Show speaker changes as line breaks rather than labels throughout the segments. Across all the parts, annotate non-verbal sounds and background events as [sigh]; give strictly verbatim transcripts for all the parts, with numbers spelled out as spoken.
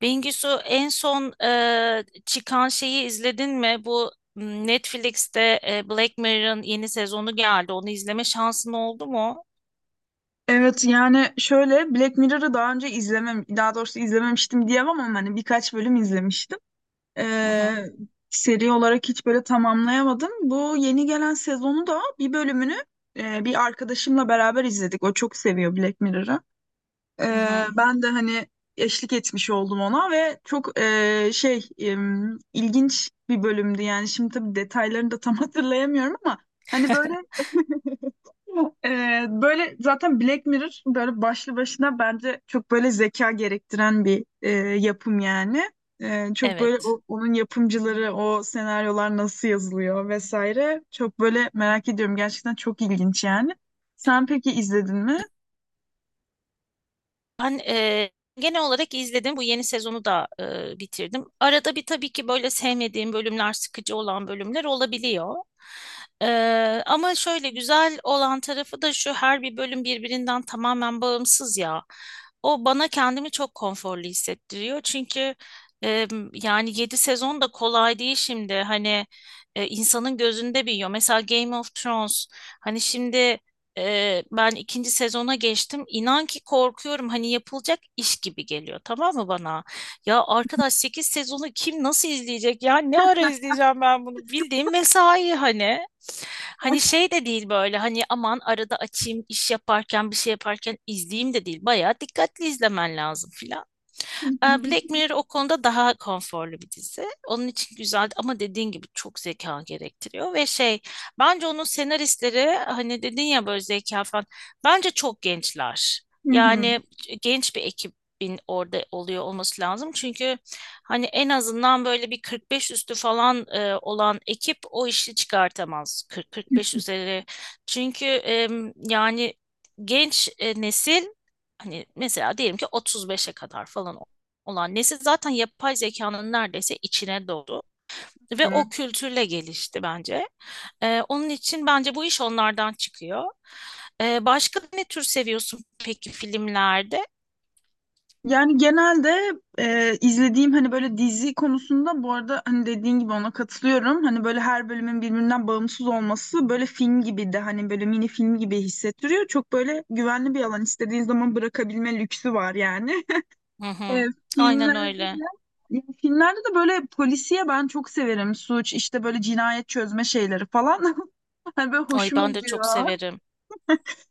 Bengisu en son e, çıkan şeyi izledin mi? Bu m, Netflix'te e, Black Mirror'ın yeni sezonu geldi. Onu izleme şansın oldu mu?
Evet yani şöyle Black Mirror'ı daha önce izlemem, daha doğrusu izlememiştim diyemem ama hani birkaç bölüm izlemiştim.
Hı
Ee,
hı,
Seri olarak hiç böyle tamamlayamadım. Bu yeni gelen sezonu da bir bölümünü e, bir arkadaşımla beraber izledik. O çok seviyor Black Mirror'ı.
hı
Ee,
hı.
ben de hani eşlik etmiş oldum ona ve çok e, şey em, ilginç bir bölümdü. Yani şimdi tabii detaylarını da tam [laughs] hatırlayamıyorum ama hani böyle ee, böyle zaten Black Mirror böyle başlı başına bence çok böyle zeka gerektiren bir e, yapım yani. Ee, çok böyle
Evet.
o- onun yapımcıları, o senaryolar nasıl yazılıyor vesaire. Çok böyle merak ediyorum. Gerçekten çok ilginç yani. Sen peki izledin mi?
Ben eee, genel olarak izledim. Bu yeni sezonu da eee, bitirdim. Arada bir tabii ki böyle sevmediğim bölümler, sıkıcı olan bölümler olabiliyor. Eee, ama şöyle güzel olan tarafı da şu: her bir bölüm birbirinden tamamen bağımsız ya. O bana kendimi çok konforlu hissettiriyor. Çünkü eee, yani yedi sezon da kolay değil şimdi. Hani e, insanın gözünde büyüyor. Mesela Game of Thrones. Hani şimdi ee, ben ikinci sezona geçtim. İnan ki korkuyorum. Hani yapılacak iş gibi geliyor. Tamam mı bana? Ya arkadaş, sekiz sezonu kim nasıl izleyecek? Ya ne ara izleyeceğim ben bunu? Bildiğim mesai hani. Hani şey de değil, böyle hani aman arada açayım, iş yaparken bir şey yaparken izleyeyim de değil. Bayağı dikkatli izlemen lazım filan. Ee, Black
[laughs]
Mirror o konuda daha konforlu bir dizi. Onun için güzel, ama dediğin gibi çok zeka gerektiriyor. Ve şey, bence onun senaristleri, hani dedin ya böyle zeka falan, bence çok gençler.
Hı
Yani genç bir ekibin orada oluyor olması lazım. Çünkü hani en azından böyle bir kırk beş üstü falan e, olan ekip o işi çıkartamaz. Kırk, kırk beş üzeri. Çünkü em, yani genç e, nesil. Hani mesela diyelim ki otuz beşe kadar falan olan nesil zaten yapay zekanın neredeyse içine doğdu. Ve
hı.
o kültürle gelişti bence. Ee, onun için bence bu iş onlardan çıkıyor. Ee, başka ne tür seviyorsun peki filmlerde?
Yani genelde e, izlediğim hani böyle dizi konusunda bu arada hani dediğin gibi ona katılıyorum. Hani böyle her bölümün birbirinden bağımsız olması böyle film gibi de hani böyle mini film gibi hissettiriyor. Çok böyle güvenli bir alan istediğin zaman bırakabilme lüksü var yani. [laughs]
Hı
E,
hı. Aynen
Filmlerde
öyle.
de ya filmlerde de böyle polisiye ben çok severim. Suç işte böyle cinayet çözme şeyleri falan. [laughs] Hani böyle
Ay
hoşuma
ben de çok
gidiyor.
severim.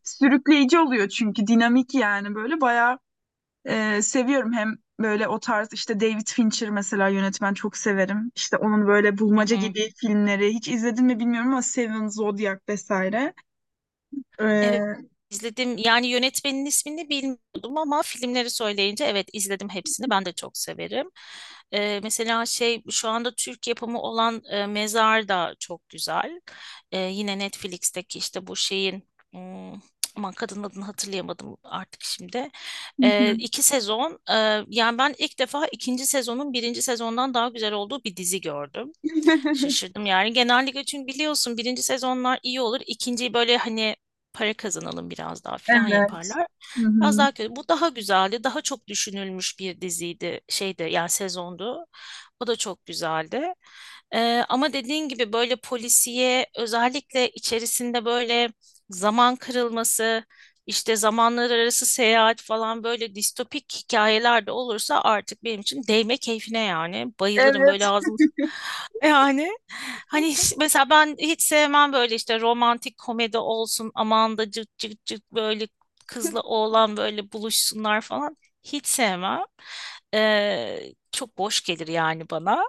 Sürükleyici oluyor çünkü dinamik yani böyle bayağı ee, seviyorum hem böyle o tarz işte David Fincher mesela yönetmen çok severim. İşte onun böyle
Hı
bulmaca
hı.
gibi filmleri hiç izledin mi bilmiyorum ama Seven, Zodiac vesaire. Ee,
Evet,
hı
izledim. Yani yönetmenin ismini bilmiyordum, ama filmleri söyleyince evet, izledim hepsini. Ben de çok severim. Ee, mesela şey, şu anda Türk yapımı olan e, Mezar da çok güzel. Ee, yine Netflix'teki işte bu şeyin hmm, aman, kadın adını hatırlayamadım artık şimdi. Ee,
hı.
iki sezon. E, yani ben ilk defa ikinci sezonun birinci sezondan daha güzel olduğu bir dizi gördüm.
[laughs]
Şaşırdım yani. Genellikle çünkü biliyorsun, birinci sezonlar iyi olur. İkinciyi böyle hani para kazanalım biraz daha falan
Evet.
yaparlar.
Hı
Biraz
hı.
daha kötü. Bu daha güzeldi. Daha çok düşünülmüş bir diziydi. Şeydi yani, sezondu. O da çok güzeldi. Ee, ama dediğin gibi böyle polisiye, özellikle içerisinde böyle zaman kırılması, işte zamanlar arası seyahat falan, böyle distopik hikayeler de olursa artık benim için değme keyfine yani. Bayılırım
Evet.
böyle, ağzım yani. Hani hiç- mesela ben hiç sevmem böyle işte romantik komedi olsun, aman da cık cık cık böyle kızla oğlan böyle buluşsunlar falan, hiç sevmem. Ee, çok boş gelir yani bana.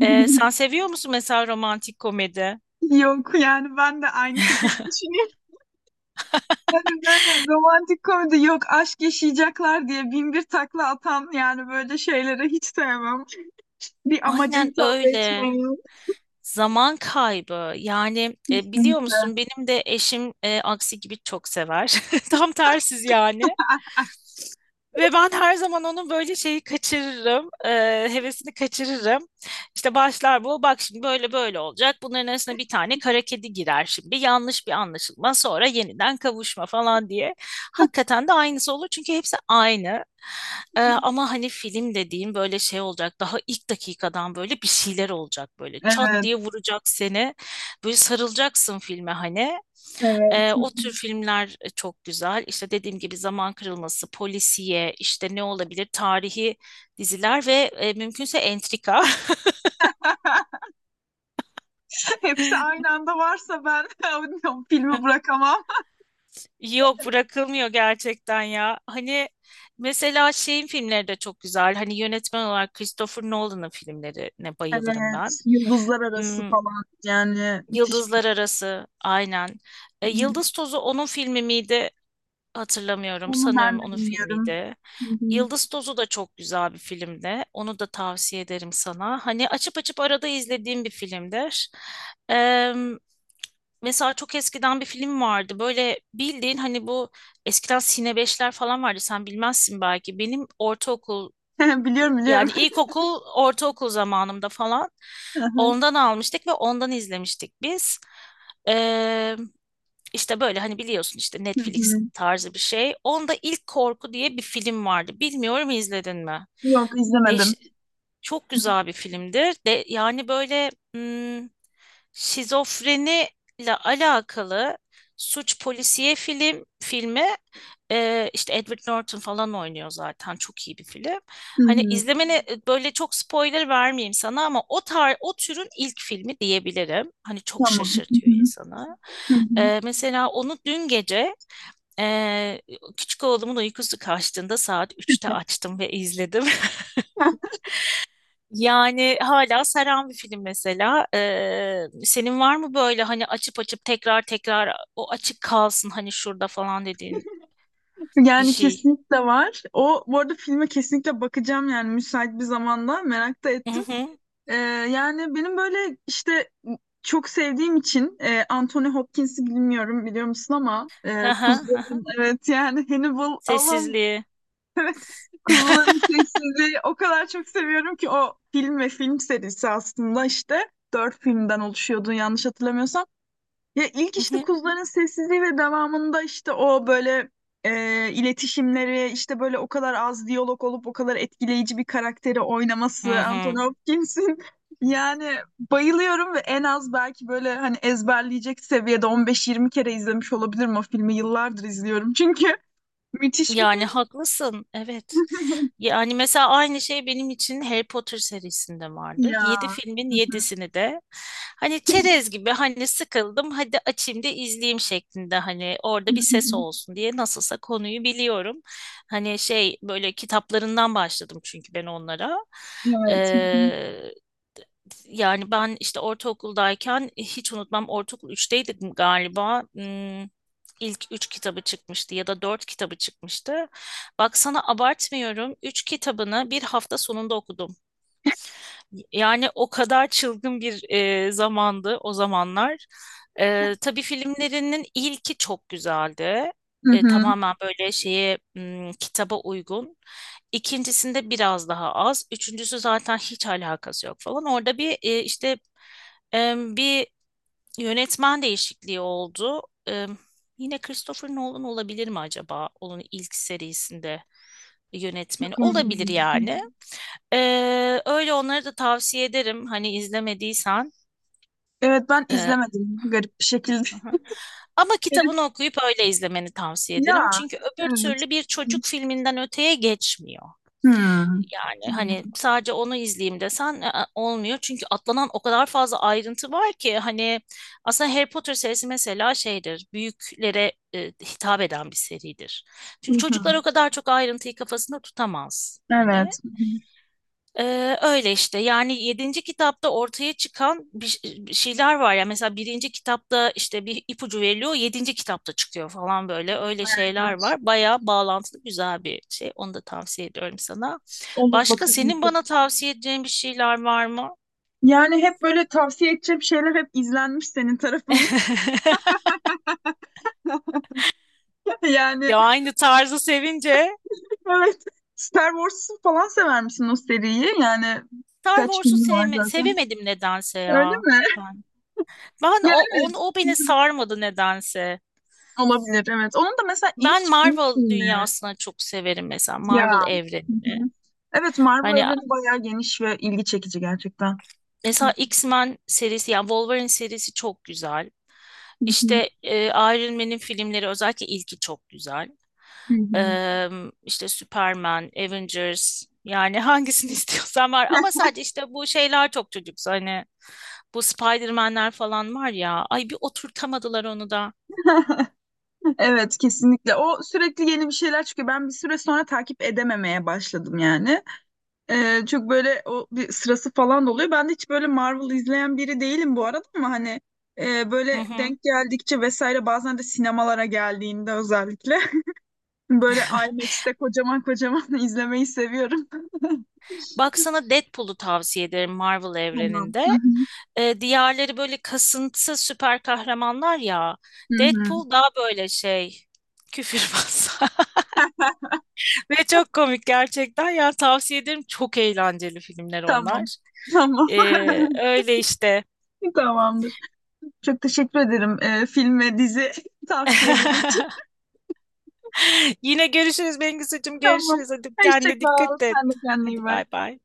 Ee, sen seviyor musun mesela romantik komedi?
Yok yani ben de aynı şekilde düşünüyorum. [laughs] Hani böyle romantik komedi yok aşk yaşayacaklar diye bin bir takla atan yani böyle şeyleri hiç sevmem. Bir amaca
Aynen
hitap
öyle.
etmeyen.
Zaman kaybı. Yani e, biliyor
Kesinlikle.
musun, benim de eşim e, aksi gibi çok sever. [laughs] Tam tersiz yani. Ve ben her zaman onun böyle şeyi kaçırırım, eee, hevesini kaçırırım. İşte başlar bu: bak şimdi böyle böyle olacak, bunların arasına bir tane kara kedi girer şimdi, yanlış bir anlaşılma, sonra yeniden kavuşma falan diye. Hakikaten de aynısı olur, çünkü hepsi aynı. Eee, ama hani film dediğim böyle şey olacak. Daha ilk dakikadan böyle bir şeyler olacak böyle. Çat
Evet.
diye vuracak seni. Böyle sarılacaksın filme hani.
Evet.
Ee, o tür filmler e, çok güzel. İşte dediğim gibi, zaman kırılması, polisiye, işte ne olabilir, tarihi diziler ve e, mümkünse entrika.
Hepsi
[laughs]
aynı anda varsa ben [laughs] filmi bırakamam.
Yok, bırakılmıyor gerçekten ya. Hani mesela şeyin filmleri de çok güzel. Hani yönetmen olarak Christopher Nolan'ın filmlerine bayılırım ben.
Evet, yıldızlar arası
Hmm,
falan yani müthiş. Bir
Yıldızlar Arası, aynen. E,
film.
Yıldız Tozu onun filmi miydi? Hatırlamıyorum.
Onu ben
Sanıyorum
de
onun
bilmiyorum.
filmiydi.
Hı hı.
Yıldız Tozu da çok güzel bir filmdi. Onu da tavsiye ederim sana. Hani açıp açıp arada izlediğim bir filmdir. Eee, Mesela çok eskiden bir film vardı. Böyle bildiğin hani, bu eskiden Sine beşler falan vardı. Sen bilmezsin belki. Benim ortaokul,
[laughs] Biliyorum biliyorum.
yani ilkokul, ortaokul zamanımda falan,
[laughs]
ondan almıştık ve ondan izlemiştik biz. İşte böyle hani biliyorsun, işte
Hı
Netflix
hı.
tarzı bir şey. Onda ilk, Korku diye bir film vardı. Bilmiyorum izledin mi?
Yok
Değiş
izlemedim.
Çok güzel bir filmdir. De, yani böyle hmm, şizofreni ile alakalı suç polisiye film filmi. e, işte Edward Norton falan oynuyor, zaten çok iyi bir film.
Hı
Hani
hı.
izlemeni e, böyle, çok spoiler vermeyeyim sana, ama o tar o türün ilk filmi diyebilirim. Hani çok
Tamam. Hı
şaşırtıyor
hı.
insanı.
Hı hı.
E, mesela onu dün gece e, küçük oğlumun uykusu kaçtığında saat üçte açtım ve izledim.
[laughs]
Yani hala saran bir film mesela. Ee, senin var mı böyle hani açıp açıp tekrar tekrar o açık kalsın, hani şurada falan dediğin bir
Yani
şey?
kesinlikle var. O bu arada filme kesinlikle bakacağım yani müsait bir zamanda merak da
Hı
ettim.
hı.
Ee, Yani benim böyle işte çok sevdiğim için e, Anthony Hopkins'i bilmiyorum biliyor musun ama
Hı
e,
hı, hı hı.
kuzuların evet yani Hannibal Allah'ım
Sessizliği.
[laughs] evet kuzuların sessizliği o kadar çok seviyorum ki o film ve film serisi aslında işte dört filmden oluşuyordu yanlış hatırlamıyorsam. Ya ilk
Hı
işte
hı.
kuzuların sessizliği ve devamında işte o böyle e, iletişimleri işte böyle o kadar az diyalog olup o kadar etkileyici bir karakteri
Hı
oynaması Anthony
hı.
Hopkins'in [laughs] yani bayılıyorum ve en az belki böyle hani ezberleyecek seviyede on beş yirmi kere izlemiş olabilirim o filmi yıllardır izliyorum çünkü [laughs] müthiş bir
Yani
film
haklısın. Evet. Yani mesela aynı şey benim için Harry Potter serisinde
[laughs]
vardır.
ya
Yedi filmin
[laughs]
yedisini de hani çerez gibi, hani sıkıldım hadi açayım da izleyeyim şeklinde, hani orada bir ses olsun diye, nasılsa konuyu biliyorum. Hani şey, böyle kitaplarından başladım çünkü ben onlara.
evet.
Yani ben işte ortaokuldayken, e, hiç unutmam, ortaokul üçteydik galiba. Hmm, ilk üç kitabı çıkmıştı ya da dört kitabı çıkmıştı. Bak sana abartmıyorum, üç kitabını bir hafta sonunda okudum. Yani o kadar çılgın bir e, zamandı o zamanlar. E, tabii filmlerinin ilki çok güzeldi.
Hı
E,
hı.
tamamen böyle şeye, m, kitaba uygun. İkincisinde biraz daha az. Üçüncüsü zaten hiç alakası yok falan. Orada bir e, işte e, bir yönetmen değişikliği oldu. E, Yine Christopher Nolan olabilir mi acaba? Onun ilk serisinde yönetmeni
Çok
olabilir
önemli.
yani. Ee, öyle, onları da tavsiye ederim hani, izlemediysen.
Evet ben
Ee,
izlemedim garip bir şekilde.
aha. Ama kitabını
[laughs]
okuyup öyle izlemeni tavsiye ederim.
Ya,
Çünkü öbür
evet.
türlü bir çocuk filminden öteye geçmiyor.
Hmm.
Yani hani sadece onu izleyeyim desen, ı olmuyor. Çünkü atlanan o kadar fazla ayrıntı var ki, hani aslında Harry Potter serisi mesela şeydir, büyüklere e, hitap eden bir seridir.
Hı
Çünkü çocuklar
hı.
o kadar çok ayrıntıyı kafasında tutamaz. Hani.
Evet. Hı hı.
Ee, öyle işte, yani yedinci kitapta ortaya çıkan bir, ş- bir şeyler var ya. Mesela birinci kitapta işte bir ipucu veriliyor, yedinci kitapta çıkıyor falan, böyle
Evet,
öyle
bayağı
şeyler
ilginç.
var. Bayağı bağlantılı, güzel bir şey. Onu da tavsiye ediyorum sana.
Olur
Başka
bakalım.
senin bana tavsiye edeceğin bir şeyler var mı?
Yani hep böyle tavsiye edeceğim şeyler hep izlenmiş senin tarafından.
[laughs]
[laughs] Yani
Ya, aynı tarzı sevince.
evet. Star Wars'u falan sever misin o seriyi? Yani
Star
kaç
Wars'u
filmi var
sevme,
zaten.
sevemedim nedense
Öyle
ya
mi?
ben.
[laughs]
Ben
Ya
o, onu,
evet.
o
Hı
beni
hı.
sarmadı nedense.
Olabilir evet. Onun da mesela ilk
Ben
ilk
Marvel
filmi.
dünyasına çok severim, mesela Marvel
Ya. Hı
evrenini.
hı. Evet Marvel
Hani
evreni bayağı geniş ve ilgi çekici gerçekten. Hı
mesela X-Men serisi, yani Wolverine serisi çok güzel.
hı.
İşte e, Iron Man'in filmleri, özellikle ilki çok güzel.
Hı hı.
Eee, işte Superman, Avengers, yani hangisini [laughs] istiyorsan var. Ama sadece işte bu şeyler çok çocuksu, hani bu Spider-Man'ler falan var ya, ay bir oturtamadılar onu da.
Evet kesinlikle. O sürekli yeni bir şeyler çıkıyor. Ben bir süre sonra takip edememeye başladım yani. Ee, çok böyle o bir sırası falan da oluyor. Ben de hiç böyle Marvel izleyen biri değilim bu arada ama hani e,
Hı
böyle
hı.
denk geldikçe vesaire bazen de sinemalara geldiğinde özellikle [laughs] böyle
[laughs]
I MAX'te kocaman kocaman [laughs] izlemeyi seviyorum. [laughs]
Baksana, Deadpool'u tavsiye ederim Marvel
Tamam.
evreninde.
Hı
E, diğerleri böyle kasıntı süper kahramanlar ya.
hı, hı hı.
Deadpool daha böyle şey, küfürbaz. [laughs] Ve çok komik gerçekten. Ya tavsiye ederim, çok eğlenceli filmler onlar.
Tamam. Tamam.
E,
[laughs]
öyle işte.
Tamamdır. Çok teşekkür ederim e, film ve dizi [laughs] tavsiyeleri.
[laughs] Yine görüşürüz Bengisu'cum.
Tamam.
Görüşürüz. Hadi
Hoşça
kendine
kal.
dikkat et.
Sen de kendine iyi
Hadi
bak.
bay bay.